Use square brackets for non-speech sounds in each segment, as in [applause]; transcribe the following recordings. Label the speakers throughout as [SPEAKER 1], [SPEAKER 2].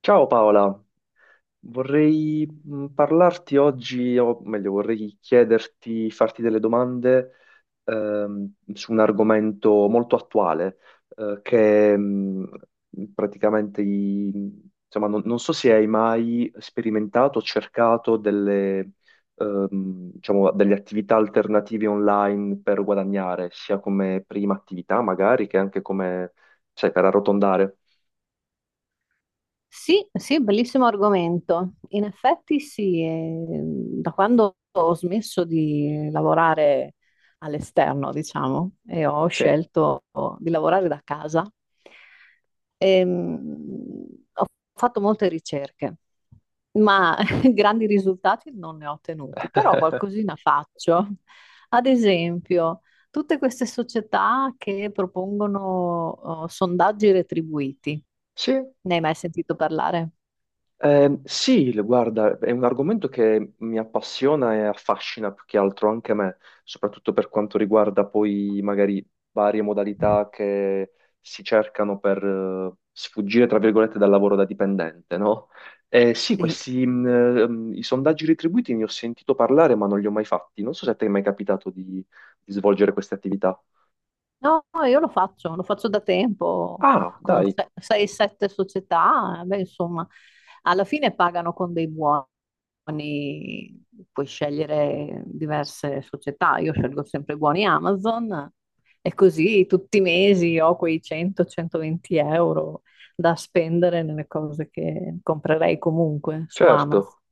[SPEAKER 1] Ciao Paola, vorrei parlarti oggi, o meglio, vorrei chiederti, farti delle domande su un argomento molto attuale, che praticamente, insomma, non so se hai mai sperimentato o cercato delle, diciamo, delle attività alternative online per guadagnare, sia come prima attività magari che anche come, sai, per arrotondare.
[SPEAKER 2] Sì, sì, bellissimo argomento. In effetti sì, da quando ho smesso di lavorare all'esterno, diciamo, e ho
[SPEAKER 1] Sì,
[SPEAKER 2] scelto di lavorare da casa, ehm, ho fatto molte ricerche, ma [laughs] grandi risultati non ne ho ottenuti, però qualcosina faccio. Ad esempio, tutte queste società che propongono, oh, sondaggi retribuiti.
[SPEAKER 1] sì.
[SPEAKER 2] Ne hai mai sentito parlare?
[SPEAKER 1] Sì, guarda, è un argomento che mi appassiona e affascina più che altro anche me, soprattutto per quanto riguarda poi magari varie modalità che si cercano per sfuggire, tra virgolette, dal lavoro da dipendente, no? Sì,
[SPEAKER 2] Sì.
[SPEAKER 1] questi i sondaggi retribuiti ne ho sentito parlare, ma non li ho mai fatti. Non so se a te è mai capitato di svolgere queste attività.
[SPEAKER 2] No, io lo faccio da tempo
[SPEAKER 1] Ah,
[SPEAKER 2] con
[SPEAKER 1] dai,
[SPEAKER 2] 6-7 società, beh, insomma, alla fine pagano con dei buoni, puoi scegliere diverse società, io scelgo sempre i buoni Amazon e così tutti i mesi ho quei 100-120 euro da spendere nelle cose che comprerei comunque su
[SPEAKER 1] certo.
[SPEAKER 2] Amazon.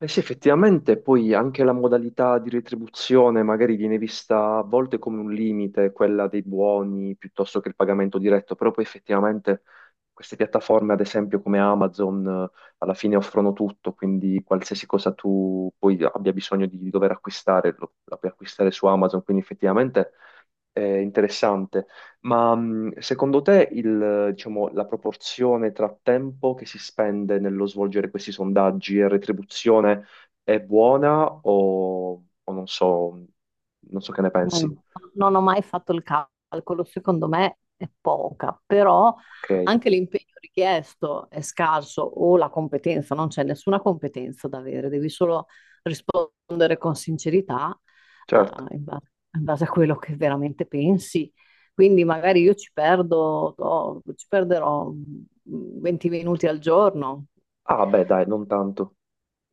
[SPEAKER 1] Eh sì, effettivamente poi anche la modalità di retribuzione magari viene vista a volte come un limite, quella dei buoni piuttosto che il pagamento diretto, però poi effettivamente queste piattaforme, ad esempio come Amazon, alla fine offrono tutto, quindi qualsiasi cosa tu poi abbia bisogno di dover acquistare, lo, la puoi acquistare su Amazon, quindi effettivamente interessante. Ma secondo te il, diciamo, la proporzione tra tempo che si spende nello svolgere questi sondaggi e retribuzione è buona o non so, non so che ne pensi?
[SPEAKER 2] Non, non ho mai fatto il calcolo, secondo me è poca, però
[SPEAKER 1] Ok,
[SPEAKER 2] anche l'impegno richiesto è scarso o la competenza, non c'è nessuna competenza da avere, devi solo rispondere con sincerità,
[SPEAKER 1] certo.
[SPEAKER 2] eh, in ba- in base a quello che veramente pensi. Quindi magari io ci perdo, oh, ci perderò 20 minuti al giorno.
[SPEAKER 1] Ah, beh, dai, non tanto.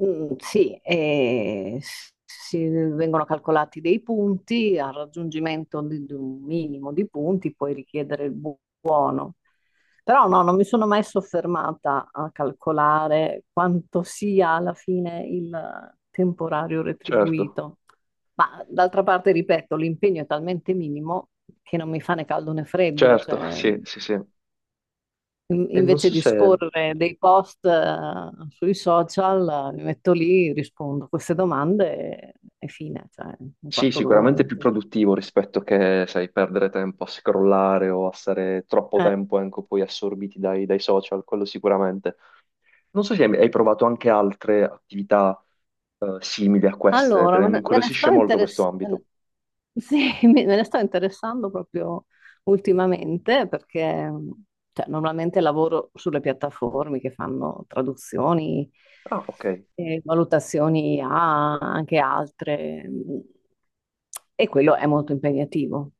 [SPEAKER 2] Mm, sì, si vengono calcolati dei punti, al raggiungimento di un minimo di punti puoi richiedere il buono. Però no, non mi sono mai soffermata a calcolare quanto sia alla fine il temporario
[SPEAKER 1] Certo,
[SPEAKER 2] retribuito. Ma d'altra parte, ripeto, l'impegno è talmente minimo che non mi fa né caldo né freddo,
[SPEAKER 1] certo, [laughs]
[SPEAKER 2] cioè
[SPEAKER 1] sì, sì, sì. E non
[SPEAKER 2] invece
[SPEAKER 1] so
[SPEAKER 2] di
[SPEAKER 1] se...
[SPEAKER 2] scorrere dei post, sui social, mi metto lì, rispondo a queste domande e fine, cioè un
[SPEAKER 1] Sì,
[SPEAKER 2] quarto d'ora,
[SPEAKER 1] sicuramente è più
[SPEAKER 2] 20.
[SPEAKER 1] produttivo rispetto che, sai, perdere tempo a scrollare o a stare troppo tempo anche poi assorbiti dai, dai social, quello sicuramente. Non so se hai provato anche altre attività simili a queste,
[SPEAKER 2] Allora,
[SPEAKER 1] perché mi
[SPEAKER 2] me ne sto
[SPEAKER 1] incuriosisce molto questo
[SPEAKER 2] interess- me ne-
[SPEAKER 1] ambito.
[SPEAKER 2] sì, [laughs] me ne sto interessando proprio ultimamente perché cioè, normalmente lavoro sulle piattaforme che fanno traduzioni
[SPEAKER 1] Ah, ok.
[SPEAKER 2] e valutazioni a anche altre, e quello è molto impegnativo.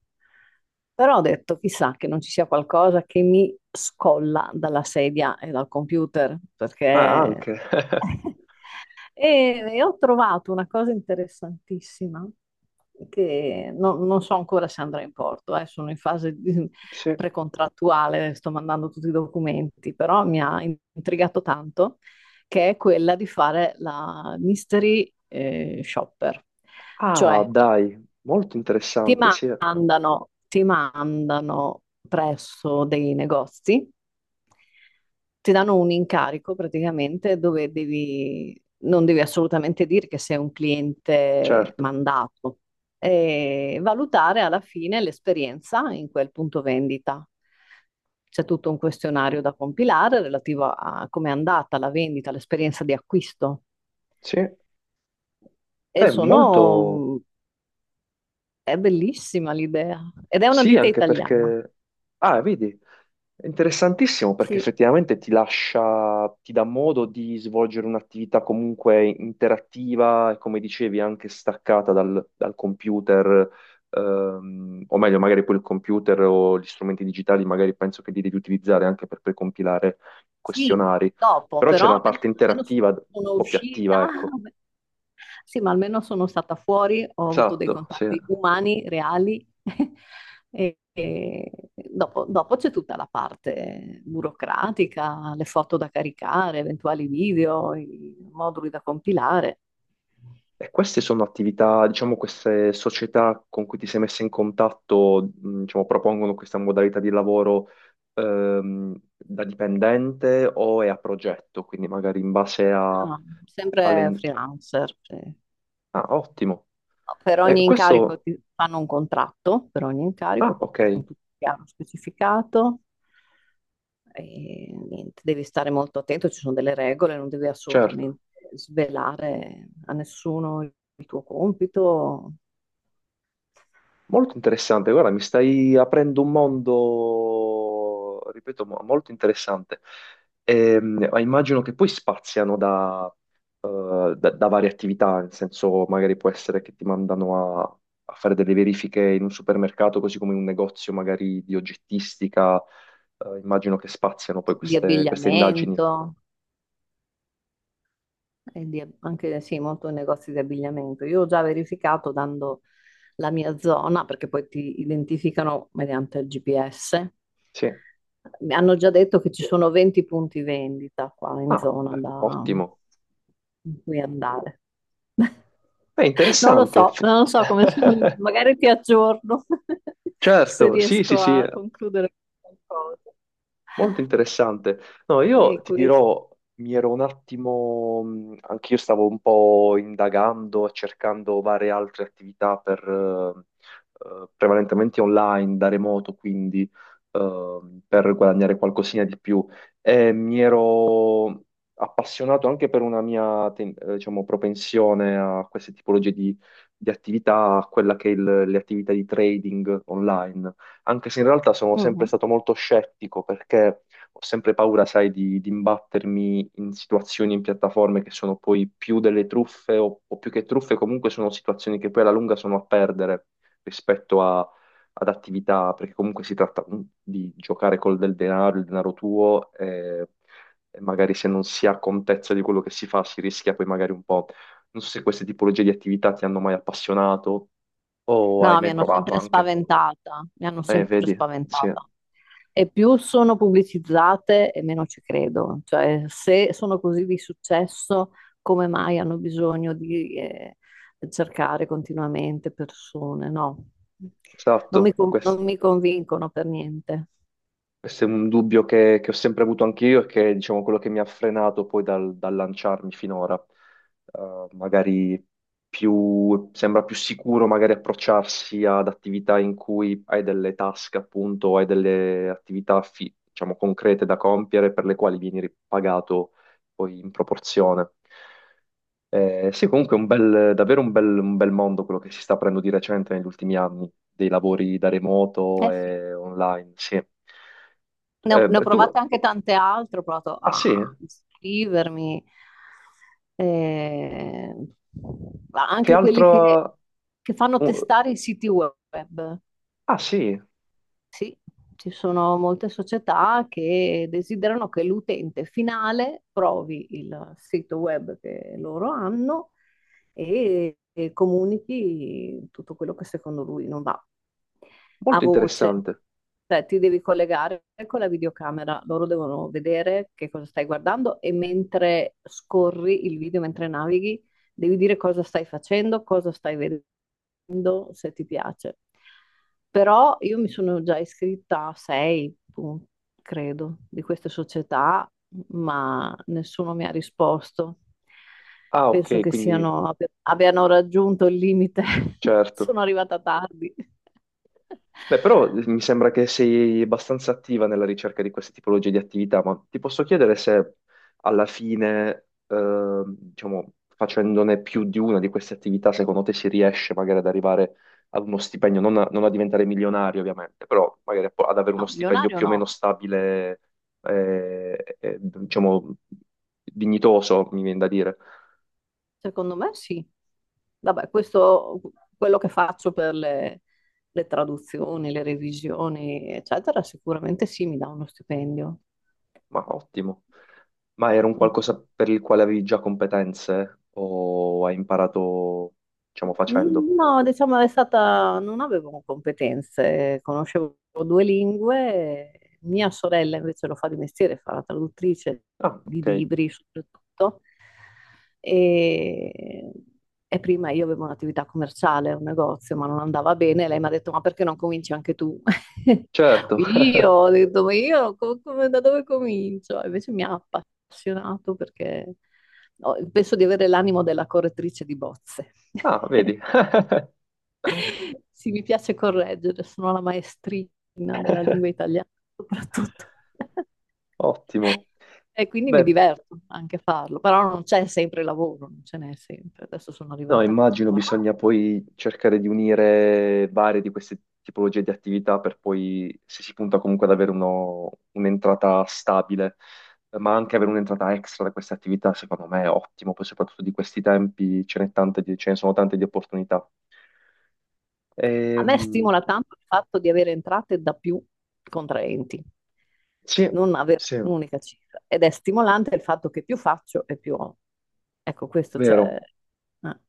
[SPEAKER 2] Però ho detto, chissà che non ci sia qualcosa che mi scolla dalla sedia e dal computer,
[SPEAKER 1] Ah,
[SPEAKER 2] perché
[SPEAKER 1] anche. [laughs]
[SPEAKER 2] [laughs] E ho trovato una cosa interessantissima che non so ancora se andrà in porto, sono in fase [laughs]
[SPEAKER 1] Sì.
[SPEAKER 2] precontrattuale, sto mandando tutti i documenti, però mi ha intrigato tanto, che è quella di fare la mystery shopper.
[SPEAKER 1] Ah,
[SPEAKER 2] Cioè,
[SPEAKER 1] dai, molto interessante, sì,
[SPEAKER 2] ti mandano presso dei negozi, ti danno un incarico praticamente dove non devi assolutamente dire che sei un cliente
[SPEAKER 1] certo.
[SPEAKER 2] mandato e valutare alla fine l'esperienza in quel punto vendita. C'è tutto un questionario da compilare relativo a come è andata la vendita, l'esperienza di acquisto.
[SPEAKER 1] Sì,
[SPEAKER 2] E
[SPEAKER 1] è molto...
[SPEAKER 2] sono È bellissima l'idea. Ed è una
[SPEAKER 1] Sì,
[SPEAKER 2] ditta
[SPEAKER 1] anche
[SPEAKER 2] italiana.
[SPEAKER 1] perché... Ah, vedi, è interessantissimo perché
[SPEAKER 2] Sì,
[SPEAKER 1] effettivamente ti lascia, ti dà modo di svolgere un'attività comunque interattiva e come dicevi anche staccata dal, dal computer, o meglio magari poi il computer o gli strumenti digitali magari penso che li devi utilizzare anche per precompilare
[SPEAKER 2] sì,
[SPEAKER 1] questionari,
[SPEAKER 2] dopo,
[SPEAKER 1] però c'è
[SPEAKER 2] però
[SPEAKER 1] una parte
[SPEAKER 2] almeno
[SPEAKER 1] interattiva un
[SPEAKER 2] sono
[SPEAKER 1] po' più
[SPEAKER 2] uscita.
[SPEAKER 1] attiva, ecco.
[SPEAKER 2] Sì, ma almeno sono stata fuori, ho avuto dei
[SPEAKER 1] Esatto, sì.
[SPEAKER 2] contatti umani, reali. [laughs] E dopo c'è tutta la parte burocratica, le foto da caricare, eventuali video, i moduli da compilare.
[SPEAKER 1] E queste sono attività, diciamo, queste società con cui ti sei messa in contatto, diciamo, propongono questa modalità di lavoro da dipendente o è a progetto, quindi magari in base a,
[SPEAKER 2] Ah, sempre
[SPEAKER 1] alle...
[SPEAKER 2] freelancer. Sì.
[SPEAKER 1] Ah, ottimo.
[SPEAKER 2] Per
[SPEAKER 1] E
[SPEAKER 2] ogni incarico
[SPEAKER 1] questo...
[SPEAKER 2] ti fanno un contratto, per ogni incarico,
[SPEAKER 1] Ah, ok,
[SPEAKER 2] con tutto chiaro specificato. E niente, devi stare molto attento, ci sono delle regole, non devi
[SPEAKER 1] certo.
[SPEAKER 2] assolutamente svelare a nessuno il tuo compito.
[SPEAKER 1] Molto interessante. Guarda, mi stai aprendo un mondo, ripeto, molto interessante. Ma immagino che poi spaziano da da varie attività, nel senso magari può essere che ti mandano a, a fare delle verifiche in un supermercato, così come in un negozio magari di oggettistica, immagino che spaziano poi
[SPEAKER 2] Di
[SPEAKER 1] queste, queste indagini.
[SPEAKER 2] abbigliamento. E anche sì, molto negozi di abbigliamento. Io ho già verificato dando la mia zona, perché poi ti identificano mediante il GPS.
[SPEAKER 1] Sì.
[SPEAKER 2] Mi hanno già detto che ci sono 20 punti vendita qua in
[SPEAKER 1] Ah,
[SPEAKER 2] zona
[SPEAKER 1] beh,
[SPEAKER 2] da
[SPEAKER 1] ottimo.
[SPEAKER 2] in cui andare. [laughs]
[SPEAKER 1] È
[SPEAKER 2] Non lo
[SPEAKER 1] interessante.
[SPEAKER 2] so, non lo so come [laughs] sono,
[SPEAKER 1] [laughs]
[SPEAKER 2] magari ti aggiorno [laughs] se
[SPEAKER 1] Certo, sì, sì,
[SPEAKER 2] riesco
[SPEAKER 1] sì.
[SPEAKER 2] a concludere qualcosa.
[SPEAKER 1] Molto interessante. No, io
[SPEAKER 2] E
[SPEAKER 1] ti
[SPEAKER 2] questo.
[SPEAKER 1] dirò, mi ero un attimo, anch'io stavo un po' indagando, cercando varie altre attività per, prevalentemente online, da remoto, quindi per guadagnare qualcosina di più. E mi ero appassionato anche per una mia, diciamo, propensione a queste tipologie di attività, a quella che è le attività di trading online anche se in realtà sono sempre
[SPEAKER 2] Mhm.
[SPEAKER 1] stato molto scettico perché ho sempre paura, sai, di imbattermi in situazioni, in piattaforme che sono poi più delle truffe o più che truffe, comunque sono situazioni che poi alla lunga sono a perdere rispetto a- ad attività, perché comunque si tratta di giocare col del denaro, il denaro tuo, e magari se non si ha contezza di quello che si fa si rischia poi magari un po'. Non so se queste tipologie di attività ti hanno mai appassionato o hai
[SPEAKER 2] No, mi
[SPEAKER 1] mai
[SPEAKER 2] hanno
[SPEAKER 1] provato
[SPEAKER 2] sempre
[SPEAKER 1] anche.
[SPEAKER 2] spaventata, mi hanno sempre
[SPEAKER 1] Vedi, sì.
[SPEAKER 2] spaventata. E più sono pubblicizzate e meno ci credo. Cioè, se sono così di successo, come mai hanno bisogno di cercare continuamente persone? No,
[SPEAKER 1] Esatto,
[SPEAKER 2] non mi convincono per niente.
[SPEAKER 1] questo, è un dubbio che ho sempre avuto anch'io e che è, diciamo, quello che mi ha frenato poi dal, dal lanciarmi finora. Magari più, sembra più sicuro magari approcciarsi ad attività in cui hai delle task, appunto, o hai delle attività, diciamo, concrete da compiere per le quali vieni ripagato poi in proporzione. Sì, comunque è un bel- davvero un bel mondo quello che si sta aprendo di recente negli ultimi anni, dei lavori da remoto
[SPEAKER 2] Eh sì,
[SPEAKER 1] e online, sì.
[SPEAKER 2] ne ho
[SPEAKER 1] Tu,
[SPEAKER 2] provate anche tante altre, ho provato
[SPEAKER 1] ah sì,
[SPEAKER 2] a iscrivermi, eh, ma
[SPEAKER 1] che
[SPEAKER 2] anche quelli
[SPEAKER 1] altro...
[SPEAKER 2] che fanno
[SPEAKER 1] uh,
[SPEAKER 2] testare i siti web.
[SPEAKER 1] ah sì,
[SPEAKER 2] Sì, ci sono molte società che desiderano che l'utente finale provi il sito web che loro hanno e comunichi tutto quello che secondo lui non va a
[SPEAKER 1] molto
[SPEAKER 2] voce.
[SPEAKER 1] interessante.
[SPEAKER 2] Cioè, ti devi collegare con la videocamera, loro devono vedere che cosa stai guardando e mentre scorri il video, mentre navighi, devi dire cosa stai facendo, cosa stai vedendo, se ti piace. Però io mi sono già iscritta a sei, credo, di queste società, ma nessuno mi ha risposto.
[SPEAKER 1] Ah ok,
[SPEAKER 2] Penso che
[SPEAKER 1] quindi
[SPEAKER 2] abbiano raggiunto il limite. [laughs] Sono
[SPEAKER 1] certo.
[SPEAKER 2] arrivata tardi. [laughs]
[SPEAKER 1] Beh, però mi sembra che sei abbastanza attiva nella ricerca di queste tipologie di attività, ma ti posso chiedere se alla fine, diciamo, facendone più di una di queste attività, secondo te si riesce magari ad arrivare ad uno stipendio, non a, non a diventare milionario ovviamente, però magari ad avere uno
[SPEAKER 2] No,
[SPEAKER 1] stipendio
[SPEAKER 2] milionario
[SPEAKER 1] più o
[SPEAKER 2] no.
[SPEAKER 1] meno stabile, diciamo, dignitoso, mi viene da dire.
[SPEAKER 2] Secondo me sì. Vabbè, quello che faccio per le traduzioni, le revisioni, eccetera, sicuramente sì, mi dà uno stipendio.
[SPEAKER 1] Ma ottimo. Ma era un qualcosa per il quale avevi già competenze o hai imparato, diciamo, facendo?
[SPEAKER 2] Mm, no, diciamo non avevo competenze, conoscevo due lingue, mia sorella invece lo fa di mestiere, fa la traduttrice
[SPEAKER 1] Ah,
[SPEAKER 2] di
[SPEAKER 1] ok.
[SPEAKER 2] libri soprattutto, e, e prima io avevo un'attività commerciale, un negozio, ma non andava bene, lei mi ha detto ma perché non cominci anche tu? [laughs]
[SPEAKER 1] Certo. [laughs]
[SPEAKER 2] Io ho detto ma io da dove comincio? Invece mi ha appassionato perché penso di avere l'animo della correttrice di bozze.
[SPEAKER 1] Ah, vedi.
[SPEAKER 2] [laughs] Sì, mi piace correggere, sono la maestrina della lingua
[SPEAKER 1] [laughs]
[SPEAKER 2] italiana soprattutto. [laughs]
[SPEAKER 1] Ottimo.
[SPEAKER 2] E quindi mi
[SPEAKER 1] Beh,
[SPEAKER 2] diverto anche a farlo, però non c'è sempre lavoro, non ce n'è sempre. Adesso sono
[SPEAKER 1] no,
[SPEAKER 2] arrivata
[SPEAKER 1] immagino
[SPEAKER 2] qua.
[SPEAKER 1] bisogna poi cercare di unire varie di queste tipologie di attività per poi, se si punta comunque ad avere un'entrata stabile, ma anche avere un'entrata extra da queste attività, secondo me è ottimo, poi soprattutto di questi tempi ce n'è tante di- ce ne sono tante di opportunità.
[SPEAKER 2] A me
[SPEAKER 1] Ehm,
[SPEAKER 2] stimola tanto il fatto di avere entrate da più contraenti,
[SPEAKER 1] sì,
[SPEAKER 2] non avere
[SPEAKER 1] sì,
[SPEAKER 2] un'unica cifra. Ed è stimolante il fatto che più faccio e più ho. Ecco, questo c'è.
[SPEAKER 1] vero.
[SPEAKER 2] eh,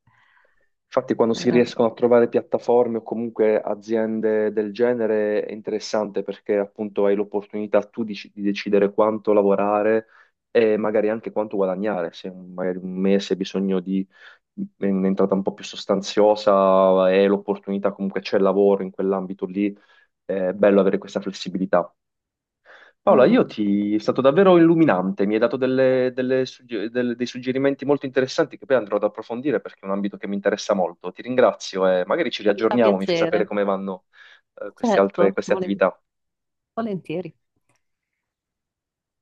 [SPEAKER 1] Infatti, quando si
[SPEAKER 2] eh,
[SPEAKER 1] riescono a trovare piattaforme o comunque aziende del genere è interessante perché appunto hai l'opportunità tu di decidere quanto lavorare e magari anche quanto guadagnare. Se un- magari un mese hai bisogno di un'entrata un po' più sostanziosa e l'opportunità comunque c'è il lavoro in quell'ambito lì, è bello avere questa flessibilità. Paola,
[SPEAKER 2] mm,
[SPEAKER 1] io ti... è stato davvero illuminante, mi hai dato delle- delle sugge- del- dei suggerimenti molto interessanti che poi andrò ad approfondire perché è un ambito che mi interessa molto. Ti ringrazio e magari ci
[SPEAKER 2] Mi fa
[SPEAKER 1] riaggiorniamo, mi fai sapere
[SPEAKER 2] piacere,
[SPEAKER 1] come vanno, queste altre,
[SPEAKER 2] certo,
[SPEAKER 1] queste attività.
[SPEAKER 2] volentieri.